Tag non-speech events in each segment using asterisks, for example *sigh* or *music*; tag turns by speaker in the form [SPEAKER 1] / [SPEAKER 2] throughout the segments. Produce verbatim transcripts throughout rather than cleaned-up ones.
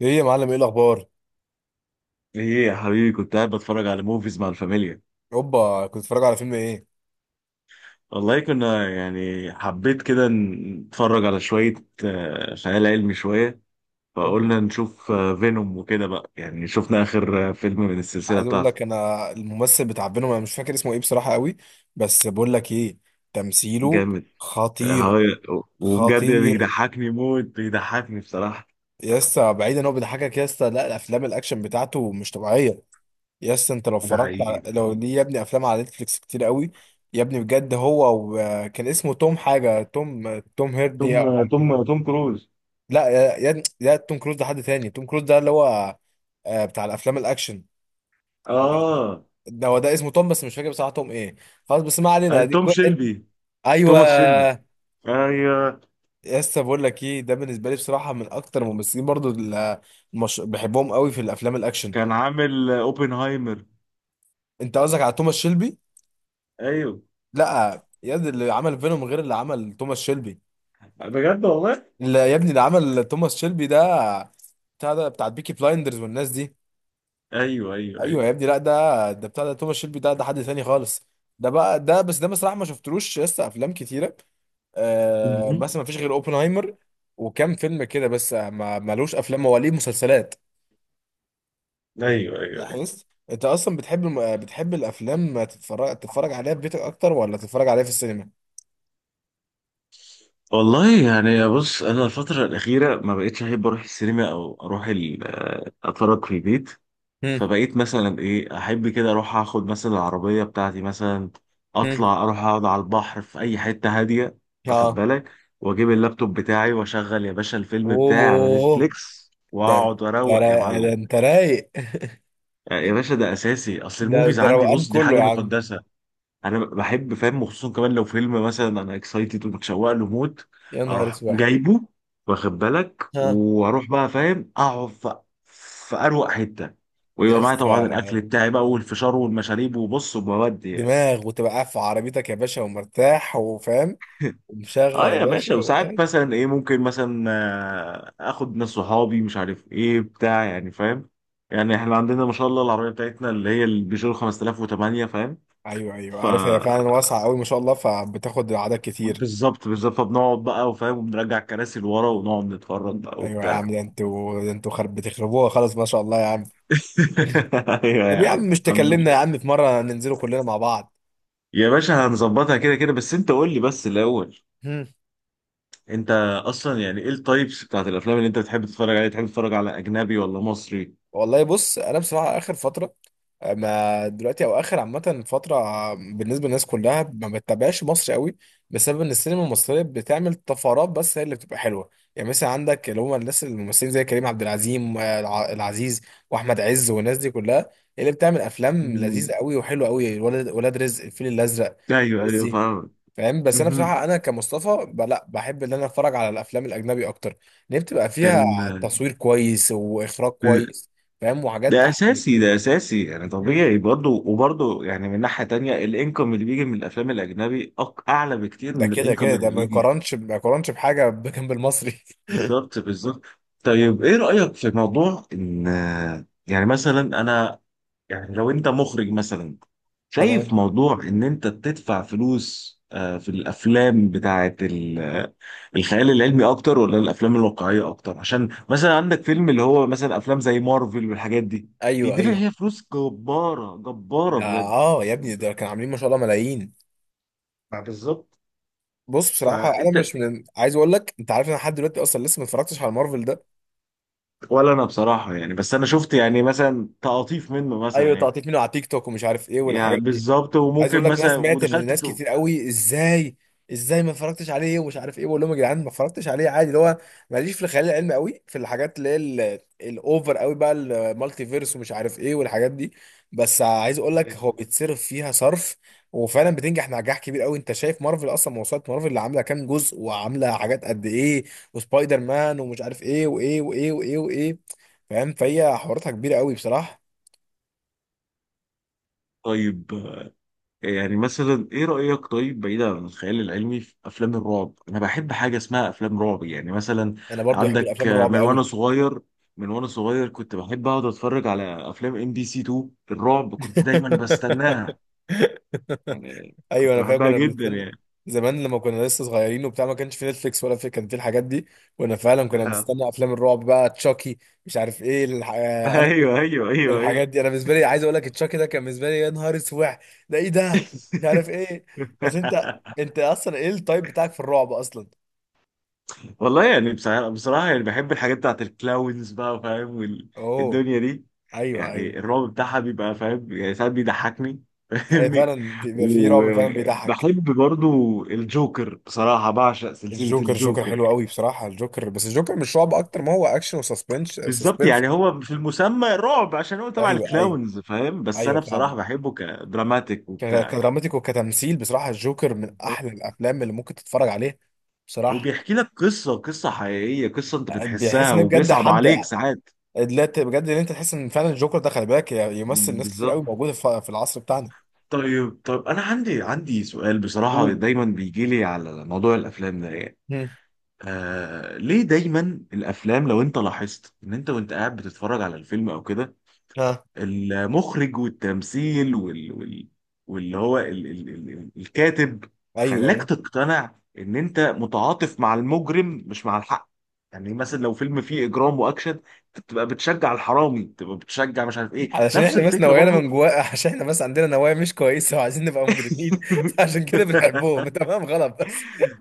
[SPEAKER 1] ايه يا معلم، ايه الاخبار؟
[SPEAKER 2] ايه يا حبيبي، كنت قاعد بتفرج على موفيز مع الفاميليا.
[SPEAKER 1] اوبا، كنت بتتفرج على فيلم ايه؟
[SPEAKER 2] والله كنا يعني حبيت كده نتفرج على شوية آه، خيال علمي شوية.
[SPEAKER 1] اوبا،
[SPEAKER 2] فقلنا نشوف فينوم وكده بقى، يعني شفنا آخر آه، فيلم من السلسلة
[SPEAKER 1] عايز اقول
[SPEAKER 2] بتاعته.
[SPEAKER 1] لك انا الممثل بتاع بينهم انا مش فاكر اسمه ايه بصراحه قوي. بس بقول لك ايه، تمثيله
[SPEAKER 2] جامد. آه،
[SPEAKER 1] خطير.
[SPEAKER 2] هو- وبجد
[SPEAKER 1] خطير.
[SPEAKER 2] بيضحكني موت، بيضحكني بصراحة.
[SPEAKER 1] يا اسطى بعيدا ان هو بيضحكك يا اسطى، لا الافلام الاكشن بتاعته مش طبيعيه. يا اسطى انت لو
[SPEAKER 2] ده
[SPEAKER 1] اتفرجت
[SPEAKER 2] حقيقي،
[SPEAKER 1] على
[SPEAKER 2] ده
[SPEAKER 1] لو
[SPEAKER 2] حقيقي.
[SPEAKER 1] ليه يا ابني افلام على نتفليكس كتير قوي. يا ابني بجد هو وكان اسمه توم حاجه، توم توم هيردي او
[SPEAKER 2] توم
[SPEAKER 1] حاجه كده.
[SPEAKER 2] توم توم كروز.
[SPEAKER 1] لا يا يا- لا توم كروز ده حد تاني، توم كروز ده اللي هو آه، بتاع الافلام الاكشن.
[SPEAKER 2] اه،
[SPEAKER 1] ده هو ده، اسمه توم بس مش فاكر بصراحه توم ايه. خلاص بس ما
[SPEAKER 2] آه،
[SPEAKER 1] علينا، دي
[SPEAKER 2] توم
[SPEAKER 1] كوي انت.
[SPEAKER 2] شيلبي.
[SPEAKER 1] ايوه
[SPEAKER 2] توماس شيلبي. ايوه.
[SPEAKER 1] يا اسطى، بقول لك ايه، ده بالنسبه لي بصراحه من اكتر الممثلين برضو اللي مش... بحبهم قوي في الافلام الاكشن.
[SPEAKER 2] كان عامل آه، اوبنهايمر.
[SPEAKER 1] انت قصدك على توماس شيلبي؟
[SPEAKER 2] ايوه
[SPEAKER 1] لا يا، دي اللي عمل فينوم غير اللي عمل توماس شيلبي.
[SPEAKER 2] بجد والله.
[SPEAKER 1] اللي يا ابني اللي عمل توماس شيلبي ده بتاع ده، بتاع بيكي بلايندرز والناس دي.
[SPEAKER 2] ايوه ايوه
[SPEAKER 1] ايوه
[SPEAKER 2] ايوه.
[SPEAKER 1] يا ابني، لا ده ده بتاع ده توماس شيلبي ده، ده حد ثاني خالص. ده بقى ده بس ده بصراحه ما شفتلوش لسه افلام كتيره. آه
[SPEAKER 2] مهم.
[SPEAKER 1] مثلا ما فيش غير اوبنهايمر وكام فيلم كده بس، ما ملوش افلام هو، ليه مسلسلات.
[SPEAKER 2] ايوه ايوه ايوه.
[SPEAKER 1] لاحظت انت اصلا بتحب الم... بتحب الافلام، تتفرج تتفرج عليها في بيتك اكتر ولا تتفرج عليها في السينما؟
[SPEAKER 2] والله يعني بص، انا الفتره الاخيره ما بقتش احب اروح السينما، او اروح ال- آه، اتفرج في البيت.
[SPEAKER 1] هم.
[SPEAKER 2] فبقيت مثلا ايه، احب كده اروح اخد مثلا العربيه بتاعتي مثلا،
[SPEAKER 1] هم.
[SPEAKER 2] اطلع اروح اقعد على البحر في اي حته هاديه، واخد
[SPEAKER 1] اه.
[SPEAKER 2] بالك، واجيب اللابتوب بتاعي واشغل يا باشا الفيلم بتاعي على
[SPEAKER 1] اوه.
[SPEAKER 2] نتفليكس
[SPEAKER 1] ده انت،
[SPEAKER 2] واقعد اروق يا
[SPEAKER 1] را- ده
[SPEAKER 2] معلم.
[SPEAKER 1] انت رايق. *laughs*
[SPEAKER 2] آه، يا باشا ده اساسي، اصل
[SPEAKER 1] ده
[SPEAKER 2] الموفيز
[SPEAKER 1] ده
[SPEAKER 2] عندي
[SPEAKER 1] روقان
[SPEAKER 2] بص دي
[SPEAKER 1] كله
[SPEAKER 2] حاجه
[SPEAKER 1] يا عم.
[SPEAKER 2] مقدسه. انا بحب فاهم، وخصوصا كمان لو فيلم مثلا انا اكسايتد ومتشوق له موت،
[SPEAKER 1] يا نهار
[SPEAKER 2] اروح
[SPEAKER 1] اسود.
[SPEAKER 2] جايبه، واخد بالك،
[SPEAKER 1] ها.
[SPEAKER 2] واروح بقى فاهم اقعد في في اروق حته، ويبقى معايا
[SPEAKER 1] يس.
[SPEAKER 2] طبعا الاكل بتاعي بقى والفشار والمشاريب، وبص وبودي يعني.
[SPEAKER 1] دماغ، وتبقى قاعد في عربيتك يا باشا ومرتاح وفاهم،
[SPEAKER 2] اه
[SPEAKER 1] ومشغل يا
[SPEAKER 2] يا باشا،
[SPEAKER 1] باشا
[SPEAKER 2] وساعات
[SPEAKER 1] وقاعد.
[SPEAKER 2] مثلا ايه، ممكن مثلا آه، اخد ناس صحابي، مش عارف ايه بتاع يعني فاهم. يعني احنا عندنا ما شاء الله العربيه بتاعتنا اللي هي البيجو خمسة آلاف وتمنية فاهم.
[SPEAKER 1] ايوه ايوه،
[SPEAKER 2] ف
[SPEAKER 1] عارف هي فعلا واسعه قوي ما شاء الله، فبتاخد اعداد كتير.
[SPEAKER 2] بالظبط بالظبط، فبنقعد بقى وفاهم، وبنرجع الكراسي لورا ونقعد نتفرج بقى
[SPEAKER 1] ايوه يا
[SPEAKER 2] وبتاع.
[SPEAKER 1] عم، ده انتوا ده انتوا خرب بتخربوها، خلاص ما شاء الله يا عم. *laughs*
[SPEAKER 2] *laughs* ايوه
[SPEAKER 1] طب
[SPEAKER 2] يا
[SPEAKER 1] يا
[SPEAKER 2] عم
[SPEAKER 1] عم مش
[SPEAKER 2] الحمد
[SPEAKER 1] تكلمنا يا
[SPEAKER 2] لله.
[SPEAKER 1] عم في مره ننزلوا كلنا مع بعض؟
[SPEAKER 2] يا باشا هنظبطها كده كده، بس انت قول لي بس الاول، انت اصلا يعني ايه التايبس بتاعت الافلام اللي انت بتحب تتفرج عليها؟ تحب تتفرج على اجنبي ولا مصري؟
[SPEAKER 1] والله بص انا بصراحه اخر فتره، آه، ما دلوقتي او اخر عامه فتره آه، بالنسبه للناس كلها ما بتتابعش مصر قوي، بسبب ان السينما المصريه بتعمل طفرات بس هي اللي بتبقى حلوه. يعني مثلا عندك اللي هم الناس الممثلين زي كريم عبد العزيز العزيز، واحمد عز والناس دي كلها، هي اللي بتعمل افلام لذيذه
[SPEAKER 2] مم.
[SPEAKER 1] قوي وحلوه قوي، ولاد ولاد رزق، الفيل الازرق.
[SPEAKER 2] ايوه
[SPEAKER 1] الناس
[SPEAKER 2] ايوه
[SPEAKER 1] دي،
[SPEAKER 2] فاهم.
[SPEAKER 1] فاهم؟ بس انا
[SPEAKER 2] مهم.
[SPEAKER 1] بصراحه انا كمصطفى ب- لا بحب ان انا اتفرج على الافلام الاجنبي اكتر، لان بتبقى فيها
[SPEAKER 2] كان
[SPEAKER 1] تصوير كويس واخراج كويس، فاهم، وحاجات
[SPEAKER 2] ده
[SPEAKER 1] احسن
[SPEAKER 2] اساسي،
[SPEAKER 1] بكتير.
[SPEAKER 2] ده اساسي، يعني
[SPEAKER 1] مم.
[SPEAKER 2] طبيعي برضه. وبرضه يعني من ناحيه تانية، الانكم اللي بيجي من الافلام الاجنبي أق- اعلى بكتير
[SPEAKER 1] ده
[SPEAKER 2] من
[SPEAKER 1] كده كده،
[SPEAKER 2] الانكم
[SPEAKER 1] ده
[SPEAKER 2] اللي
[SPEAKER 1] ما
[SPEAKER 2] بيجي.
[SPEAKER 1] يقارنش ما يقارنش بحاجه بجنب المصري.
[SPEAKER 2] بالظبط بالظبط. طيب ايه رأيك في موضوع ان آه، يعني مثلا انا، يعني لو انت مخرج مثلا،
[SPEAKER 1] *laughs*
[SPEAKER 2] شايف
[SPEAKER 1] تمام.
[SPEAKER 2] موضوع ان انت تدفع فلوس آه، في الافلام بتاعت ال- آه، الخيال العلمي اكتر، ولا الافلام الواقعية اكتر؟ عشان مثلا عندك فيلم اللي هو مثلا افلام زي مارفل والحاجات دي
[SPEAKER 1] ايوه
[SPEAKER 2] بيدفع
[SPEAKER 1] ايوه.
[SPEAKER 2] فيها فلوس جبارة، جبارة
[SPEAKER 1] ده
[SPEAKER 2] بجد.
[SPEAKER 1] اه يا ابني،
[SPEAKER 2] فهمت؟
[SPEAKER 1] ده كانوا عاملين ما شاء الله ملايين.
[SPEAKER 2] ما بالظبط.
[SPEAKER 1] بص بصراحه انا
[SPEAKER 2] فانت،
[SPEAKER 1] مش من، عايز اقول لك انت عارف، انا لحد دلوقتي اصلا لسه ما اتفرجتش على مارفل ده.
[SPEAKER 2] ولا انا بصراحة يعني، بس انا شفت يعني مثلا تقاطيف منه مثلا،
[SPEAKER 1] ايوه،
[SPEAKER 2] يعني
[SPEAKER 1] تقطيع منه على تيك توك ومش عارف ايه
[SPEAKER 2] يعني
[SPEAKER 1] والحاجات دي.
[SPEAKER 2] بالظبط،
[SPEAKER 1] عايز اقول
[SPEAKER 2] وممكن
[SPEAKER 1] لك، ناس،
[SPEAKER 2] مثلا
[SPEAKER 1] سمعت ان
[SPEAKER 2] ودخلت
[SPEAKER 1] ناس
[SPEAKER 2] في.
[SPEAKER 1] كتير قوي، ازاي ازاي ما اتفرجتش عليه ومش عارف ايه، بقول لهم يا جدعان ما اتفرجتش عليه عادي. اللي هو ماليش في الخيال العلمي قوي، في الحاجات اللي هي ال- الاوفر قوي بقى، المالتي فيرس ومش عارف ايه والحاجات دي. بس عايز اقول لك هو بيتصرف فيها صرف، وفعلا بتنجح نجاح كبير قوي. انت شايف مارفل اصلا، موسوعه مارفل اللي عامله كام جزء وعامله حاجات قد ايه، وسبايدر مان ومش عارف ايه، وايه وايه وايه وايه. فاهم، فهي حواراتها كبيره قوي بصراحه.
[SPEAKER 2] طيب آه، يعني مثلا ايه رأيك، طيب بعيدا عن الخيال العلمي، في افلام الرعب انا بحب حاجة اسمها افلام رعب، يعني مثلا
[SPEAKER 1] انا برضو بحب
[SPEAKER 2] عندك
[SPEAKER 1] الافلام
[SPEAKER 2] آه،
[SPEAKER 1] الرعب
[SPEAKER 2] من وانا
[SPEAKER 1] قوي.
[SPEAKER 2] صغير، من وانا صغير كنت بحب اقعد اتفرج على افلام ام بي سي اتنين الرعب، كنت دايما
[SPEAKER 1] *laughs*
[SPEAKER 2] بستناها يعني،
[SPEAKER 1] ايوه
[SPEAKER 2] كنت
[SPEAKER 1] انا فاكر
[SPEAKER 2] بحبها
[SPEAKER 1] كنا
[SPEAKER 2] جدا
[SPEAKER 1] بنستنى
[SPEAKER 2] يعني.
[SPEAKER 1] زمان، لما كنا لسه صغيرين وبتاع، ما كانش في نتفليكس ولا في، كان في الحاجات دي. وانا فعلا كنا
[SPEAKER 2] *laughs*
[SPEAKER 1] بنستنى افلام الرعب بقى، تشاكي مش عارف ايه الح... آه، انا
[SPEAKER 2] ايوه ايوه ايوه ايوه.
[SPEAKER 1] الحاجات دي، انا بالنسبه لي عايز اقول لك تشاكي ده كان بالنسبه لي يا نهار اسود. ده ايه ده، مش عارف ايه. بس انت
[SPEAKER 2] *laughs*
[SPEAKER 1] انت اصلا ايه التايب بتاعك في الرعب اصلا؟
[SPEAKER 2] والله يعني بصراحة, بصراحة يعني بحب الحاجات بتاعت الكلاونز بقى فاهم،
[SPEAKER 1] اوه.
[SPEAKER 2] والدنيا دي.
[SPEAKER 1] ايوه ايوه.
[SPEAKER 2] يعني الرعب بتاعها بيبقى فاهم يعني، ساعات بيضحكني *laughs*
[SPEAKER 1] هي
[SPEAKER 2] فاهمني.
[SPEAKER 1] فعلا بيبقى في رعب فعلا بيضحك.
[SPEAKER 2] وبحب برضو الجوكر، بصراحة بعشق سلسلة
[SPEAKER 1] الجوكر، الجوكر حلو
[SPEAKER 2] الجوكر.
[SPEAKER 1] قوي بصراحة الجوكر، بس الجوكر مش رعب، أكتر ما هو أكشن وسسبنس،
[SPEAKER 2] بالظبط،
[SPEAKER 1] سسبنس.
[SPEAKER 2] يعني هو في المسمى رعب عشان هو تبع
[SPEAKER 1] أيوه أيوه
[SPEAKER 2] الكلاونز فاهم، بس
[SPEAKER 1] أيوه،
[SPEAKER 2] أنا بصراحة
[SPEAKER 1] فاهمك.
[SPEAKER 2] بحبه كدراماتيك
[SPEAKER 1] ك-
[SPEAKER 2] وبتاع يعني.
[SPEAKER 1] كدراماتيك وكتمثيل، بصراحة الجوكر من أحلى
[SPEAKER 2] بالظبط.
[SPEAKER 1] الأفلام اللي ممكن تتفرج عليها بصراحة.
[SPEAKER 2] وبيحكي لك قصة، قصة حقيقية، قصة أنت
[SPEAKER 1] بيحس
[SPEAKER 2] بتحسها
[SPEAKER 1] إن هي بجد
[SPEAKER 2] وبيصعب
[SPEAKER 1] حد.
[SPEAKER 2] عليك ساعات.
[SPEAKER 1] لا ت- بجد إن أنت تحس إن فعلا الجوكر ده، خلي بالك، ي- يمثل
[SPEAKER 2] مم،
[SPEAKER 1] ناس كتير
[SPEAKER 2] بالظبط.
[SPEAKER 1] قوي موجودة في في العصر بتاعنا.
[SPEAKER 2] طيب طيب انا عندي عندي سؤال بصراحه
[SPEAKER 1] قول.
[SPEAKER 2] دايما بيجي لي على موضوع الافلام ده يعني.
[SPEAKER 1] هم.
[SPEAKER 2] آه ليه دايما الافلام، لو انت لاحظت، ان انت وانت قاعد بتتفرج على الفيلم او كده،
[SPEAKER 1] ها.
[SPEAKER 2] المخرج والتمثيل وال وال واللي هو ال ال ال ال- الكاتب
[SPEAKER 1] ايوه
[SPEAKER 2] خلاك
[SPEAKER 1] ايوه،
[SPEAKER 2] تقتنع ان انت متعاطف مع المجرم مش مع الحق؟ يعني مثلا لو فيلم فيه اجرام واكشن، تبقى بتشجع الحرامي، تبقى بتشجع مش عارف ايه.
[SPEAKER 1] علشان
[SPEAKER 2] نفس
[SPEAKER 1] احنا بس
[SPEAKER 2] الفكره
[SPEAKER 1] نوايانا
[SPEAKER 2] برضو.
[SPEAKER 1] من جوا. عشان احنا بس عندنا نوايا مش كويسه وعايزين نبقى مجرمين. *laughs* فعشان كده
[SPEAKER 2] *laughs*
[SPEAKER 1] بنحبهم. *laughs* تمام غلط.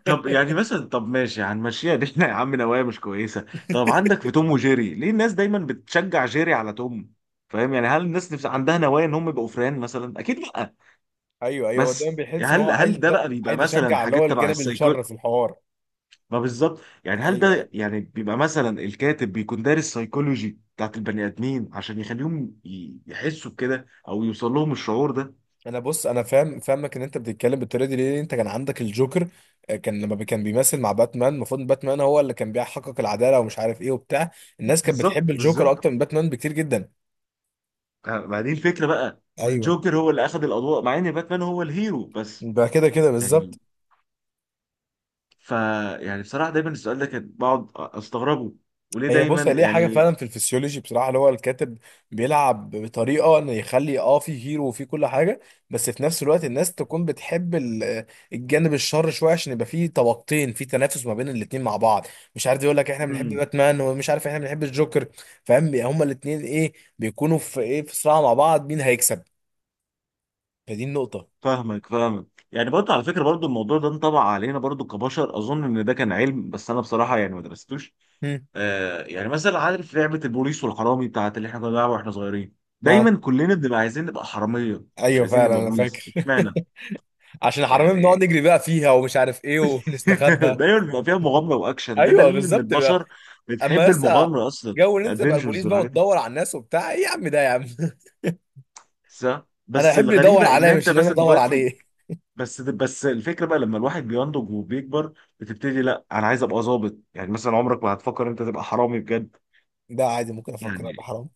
[SPEAKER 2] طب يعني مثلا، طب ماشي هنمشيها دي، *laughs* احنا يا عم نوايا مش كويسه. طب عندك في توم وجيري، ليه الناس دايما بتشجع جيري على توم؟ فاهم يعني، هل الناس نفس عندها نوايا ان هم يبقوا فران مثلا؟ اكيد لا.
[SPEAKER 1] ايوه ايوه، هو دايما
[SPEAKER 2] بس
[SPEAKER 1] بيحس ان هو
[SPEAKER 2] هل
[SPEAKER 1] عايز،
[SPEAKER 2] هل ده بقى بيبقى
[SPEAKER 1] عايز
[SPEAKER 2] مثلا
[SPEAKER 1] يشجع اللي هو
[SPEAKER 2] حاجات تبع
[SPEAKER 1] الجانب
[SPEAKER 2] السايكو؟
[SPEAKER 1] الشر في الحوار.
[SPEAKER 2] ما بالظبط، يعني هل
[SPEAKER 1] ايوه.
[SPEAKER 2] ده يعني بيبقى مثلا الكاتب بيكون دارس سايكولوجي بتاعت البني ادمين عشان يخليهم ي- يحسوا بكده، او يوصل لهم الشعور ده؟
[SPEAKER 1] انا بص انا فاهم، فاهمك ان انت بتتكلم بالطريقه دي ليه، انت كان عندك الجوكر آه، كان لما بي- كان بيمثل مع باتمان، المفروض إن باتمان هو اللي كان بيحقق العداله ومش عارف ايه وبتاع، الناس كانت بتحب
[SPEAKER 2] بالظبط
[SPEAKER 1] الجوكر
[SPEAKER 2] بالظبط.
[SPEAKER 1] اكتر من باتمان بكتير جدا.
[SPEAKER 2] آه، ما دي الفكره بقى،
[SPEAKER 1] ايوه،
[SPEAKER 2] والجوكر هو اللي اخذ الاضواء مع ان باتمان هو الهيرو بس.
[SPEAKER 1] ده كده كده
[SPEAKER 2] يعني،
[SPEAKER 1] بالظبط.
[SPEAKER 2] ف يعني بصراحة دايما السؤال ده كان بقعد استغربه، وليه
[SPEAKER 1] هي
[SPEAKER 2] دايما
[SPEAKER 1] بص، هي ليها حاجه
[SPEAKER 2] يعني.
[SPEAKER 1] فعلا في الفسيولوجي بصراحه، اللي هو الكاتب بيلعب بطريقه انه يخلي اه في هيرو وفي كل حاجه، بس في نفس الوقت الناس تكون بتحب ال- الجانب الشر شويه، عشان يبقى في طبقتين في تنافس ما بين الاتنين مع بعض. مش عارف، يقول لك احنا بنحب
[SPEAKER 2] امم،
[SPEAKER 1] باتمان ومش عارف احنا بنحب الجوكر. فاهم، هما الاتنين ايه، بيكونوا في ايه، في صراع مع بعض، مين هيكسب. فدي النقطه.
[SPEAKER 2] فاهمك فاهمك، يعني برضه على فكرة برضه الموضوع ده انطبع علينا برضه كبشر. اظن ان ده كان علم، بس انا بصراحة يعني ما درستوش.
[SPEAKER 1] هم.
[SPEAKER 2] آه يعني مثلا، عارف لعبة البوليس والحرامي بتاعت اللي احنا كنا بنلعبها واحنا صغيرين؟
[SPEAKER 1] اه.
[SPEAKER 2] دايما كلنا بنبقى عايزين نبقى حرامية، مش
[SPEAKER 1] ايوه
[SPEAKER 2] عايزين
[SPEAKER 1] فعلا،
[SPEAKER 2] نبقى
[SPEAKER 1] انا
[SPEAKER 2] بوليس،
[SPEAKER 1] فاكر.
[SPEAKER 2] اشمعنى؟
[SPEAKER 1] *laughs* عشان حرامي بنقعد
[SPEAKER 2] يعني
[SPEAKER 1] نجري بقى فيها ومش عارف ايه،
[SPEAKER 2] *laughs*
[SPEAKER 1] ونستخبى.
[SPEAKER 2] دايما بيبقى فيها مغامرة واكشن، ده
[SPEAKER 1] ايوه
[SPEAKER 2] دليل ان
[SPEAKER 1] بالظبط.
[SPEAKER 2] البشر
[SPEAKER 1] اما
[SPEAKER 2] بتحب
[SPEAKER 1] لسه
[SPEAKER 2] المغامرة اصلا.
[SPEAKER 1] جو ان انت تبقى البوليس
[SPEAKER 2] الادفنتشرز
[SPEAKER 1] بقى
[SPEAKER 2] والحاجات.
[SPEAKER 1] وتدور على الناس وبتاع، ايه يا عم ده يا عم. *laughs*
[SPEAKER 2] صح.
[SPEAKER 1] انا
[SPEAKER 2] بس
[SPEAKER 1] احب اللي يدور
[SPEAKER 2] الغريبه ان
[SPEAKER 1] عليا
[SPEAKER 2] انت
[SPEAKER 1] مش ان انا
[SPEAKER 2] مثلا
[SPEAKER 1] ادور
[SPEAKER 2] دلوقتي،
[SPEAKER 1] عليه. *laughs*
[SPEAKER 2] بس بس الفكره بقى لما الواحد بينضج وبيكبر، بتبتدي لا انا عايز ابقى ظابط. يعني مثلا عمرك ما هتفكر انت تبقى حرامي بجد.
[SPEAKER 1] ده عادي ممكن افكر
[SPEAKER 2] يعني
[SPEAKER 1] ابقى حرام.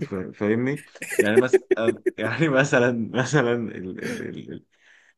[SPEAKER 2] فا- فاهمني، يعني مثلا، يعني *laughs* مثلا مثلا ال ال ال ال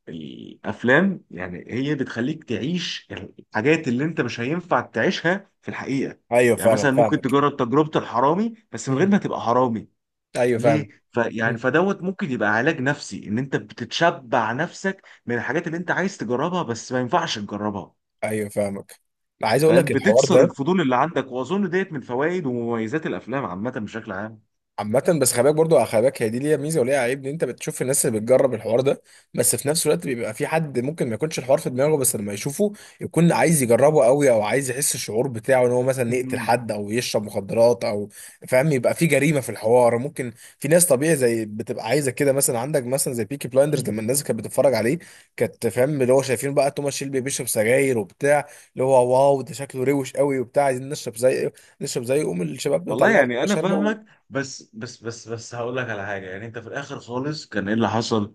[SPEAKER 2] الافلام، يعني هي بتخليك تعيش الحاجات اللي انت مش هينفع تعيشها في الحقيقه.
[SPEAKER 1] ايوه
[SPEAKER 2] يعني
[SPEAKER 1] فعلا،
[SPEAKER 2] مثلا ممكن
[SPEAKER 1] فاهمك.
[SPEAKER 2] تجرب تجربه الحرامي بس من غير
[SPEAKER 1] مم.
[SPEAKER 2] ما تبقى حرامي.
[SPEAKER 1] ايوه فعلا.
[SPEAKER 2] ليه؟ فيعني
[SPEAKER 1] مم.
[SPEAKER 2] فدوت ممكن يبقى علاج نفسي ان انت بتتشبع نفسك من الحاجات اللي انت عايز تجربها بس ما ينفعش تجربها.
[SPEAKER 1] ايوه فاهمك. عايز اقول
[SPEAKER 2] فاهم،
[SPEAKER 1] لك الحوار
[SPEAKER 2] بتكسر
[SPEAKER 1] ده
[SPEAKER 2] الفضول اللي عندك، واظن ديت من فوائد ومميزات الافلام عامه بشكل عام.
[SPEAKER 1] عامة، بس خلي بالك برضه، خلي بالك هي دي ليها ميزة وليها عيب، ان انت بتشوف الناس اللي بتجرب الحوار ده، بس في نفس الوقت بيبقى في حد ممكن ما يكونش الحوار في دماغه، بس لما يشوفه يكون عايز يجربه قوي، او عايز يحس الشعور بتاعه، ان هو مثلا يقتل
[SPEAKER 2] مم.
[SPEAKER 1] حد او يشرب مخدرات او، فاهم، يبقى في جريمة في الحوار، ممكن. في ناس طبيعي زي، بتبقى عايزة كده، مثلا عندك مثلا زي بيكي بلايندرز لما الناس كانت بتتفرج عليه، كانت فاهم اللي هو شايفين بقى توماس شيلبي بيشرب سجاير وبتاع، اللي هو واو ده شكله روش قوي وبتاع، عايزين نشرب زي، نشرب زي، قوم الشباب
[SPEAKER 2] والله
[SPEAKER 1] نطلعه
[SPEAKER 2] يعني انا
[SPEAKER 1] شاربه و...
[SPEAKER 2] فاهمك. بس بس بس بس هقول لك على حاجه، يعني انت في الاخر خالص كان ايه اللي حصل؟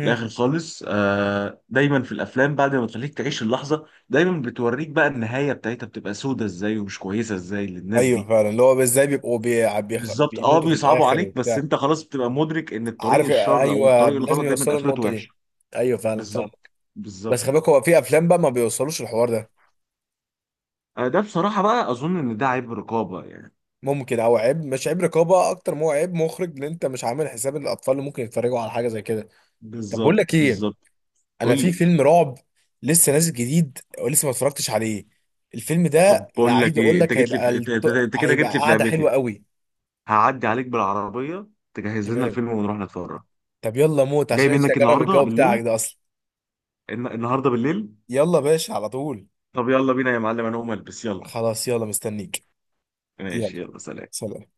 [SPEAKER 2] في الاخر خالص آه دايما في الافلام بعد ما تخليك تعيش اللحظه، دايما بتوريك بقى النهايه بتاعتها بتبقى سودة ازاي ومش كويسه ازاي للناس
[SPEAKER 1] ايوه
[SPEAKER 2] دي.
[SPEAKER 1] فعلا، اللي هو ازاي بيبقوا بي... بيخ...
[SPEAKER 2] بالظبط، اه
[SPEAKER 1] بيموتوا في
[SPEAKER 2] بيصعبوا
[SPEAKER 1] الاخر
[SPEAKER 2] عليك، بس
[SPEAKER 1] وبتاع.
[SPEAKER 2] انت خلاص بتبقى مدرك ان الطريق
[SPEAKER 1] عارف،
[SPEAKER 2] الشر او
[SPEAKER 1] ايوه
[SPEAKER 2] الطريق
[SPEAKER 1] لازم
[SPEAKER 2] الغلط دايما
[SPEAKER 1] يوصلوا
[SPEAKER 2] اخرته
[SPEAKER 1] النقطه دي.
[SPEAKER 2] وحشه.
[SPEAKER 1] ايوه فعلا فعلا.
[SPEAKER 2] بالظبط
[SPEAKER 1] بس
[SPEAKER 2] بالظبط.
[SPEAKER 1] خلي بالك هو في افلام بقى ما بيوصلوش الحوار ده.
[SPEAKER 2] آه، ده بصراحه بقى اظن ان ده عيب رقابه يعني.
[SPEAKER 1] ممكن، او عيب، مش عيب رقابه اكتر ما هو عيب مخرج، ان انت مش عامل حساب الاطفال اللي ممكن يتفرجوا على حاجه زي كده. طب بقول
[SPEAKER 2] بالظبط
[SPEAKER 1] لك ايه،
[SPEAKER 2] بالظبط.
[SPEAKER 1] انا
[SPEAKER 2] قول
[SPEAKER 1] في
[SPEAKER 2] لي.
[SPEAKER 1] فيلم رعب لسه نازل جديد ولسه ما اتفرجتش عليه، الفيلم
[SPEAKER 2] طب
[SPEAKER 1] ده انا
[SPEAKER 2] بقول لك
[SPEAKER 1] عايز اقول
[SPEAKER 2] ايه، انت
[SPEAKER 1] لك
[SPEAKER 2] جيت لي
[SPEAKER 1] هيبقى
[SPEAKER 2] في... انت انت-
[SPEAKER 1] الط...
[SPEAKER 2] انت كده
[SPEAKER 1] هيبقى
[SPEAKER 2] جيت لي في
[SPEAKER 1] قعده
[SPEAKER 2] لعبتي.
[SPEAKER 1] حلوه قوي.
[SPEAKER 2] هعدي عليك بالعربيه، تجهز لنا
[SPEAKER 1] تمام.
[SPEAKER 2] الفيلم ونروح نتفرج.
[SPEAKER 1] طب يلا موت
[SPEAKER 2] جاي
[SPEAKER 1] عشان نفسي
[SPEAKER 2] منك
[SPEAKER 1] اجرب
[SPEAKER 2] النهارده
[SPEAKER 1] الجو بتاعك
[SPEAKER 2] بالليل.
[SPEAKER 1] ده اصلا.
[SPEAKER 2] الن- النهارده بالليل.
[SPEAKER 1] يلا باشا على طول.
[SPEAKER 2] طب يلا بينا يا معلم، انا هقوم البس يلا.
[SPEAKER 1] خلاص يلا مستنيك. يلا.
[SPEAKER 2] ماشي يلا، سلام.
[SPEAKER 1] سلام.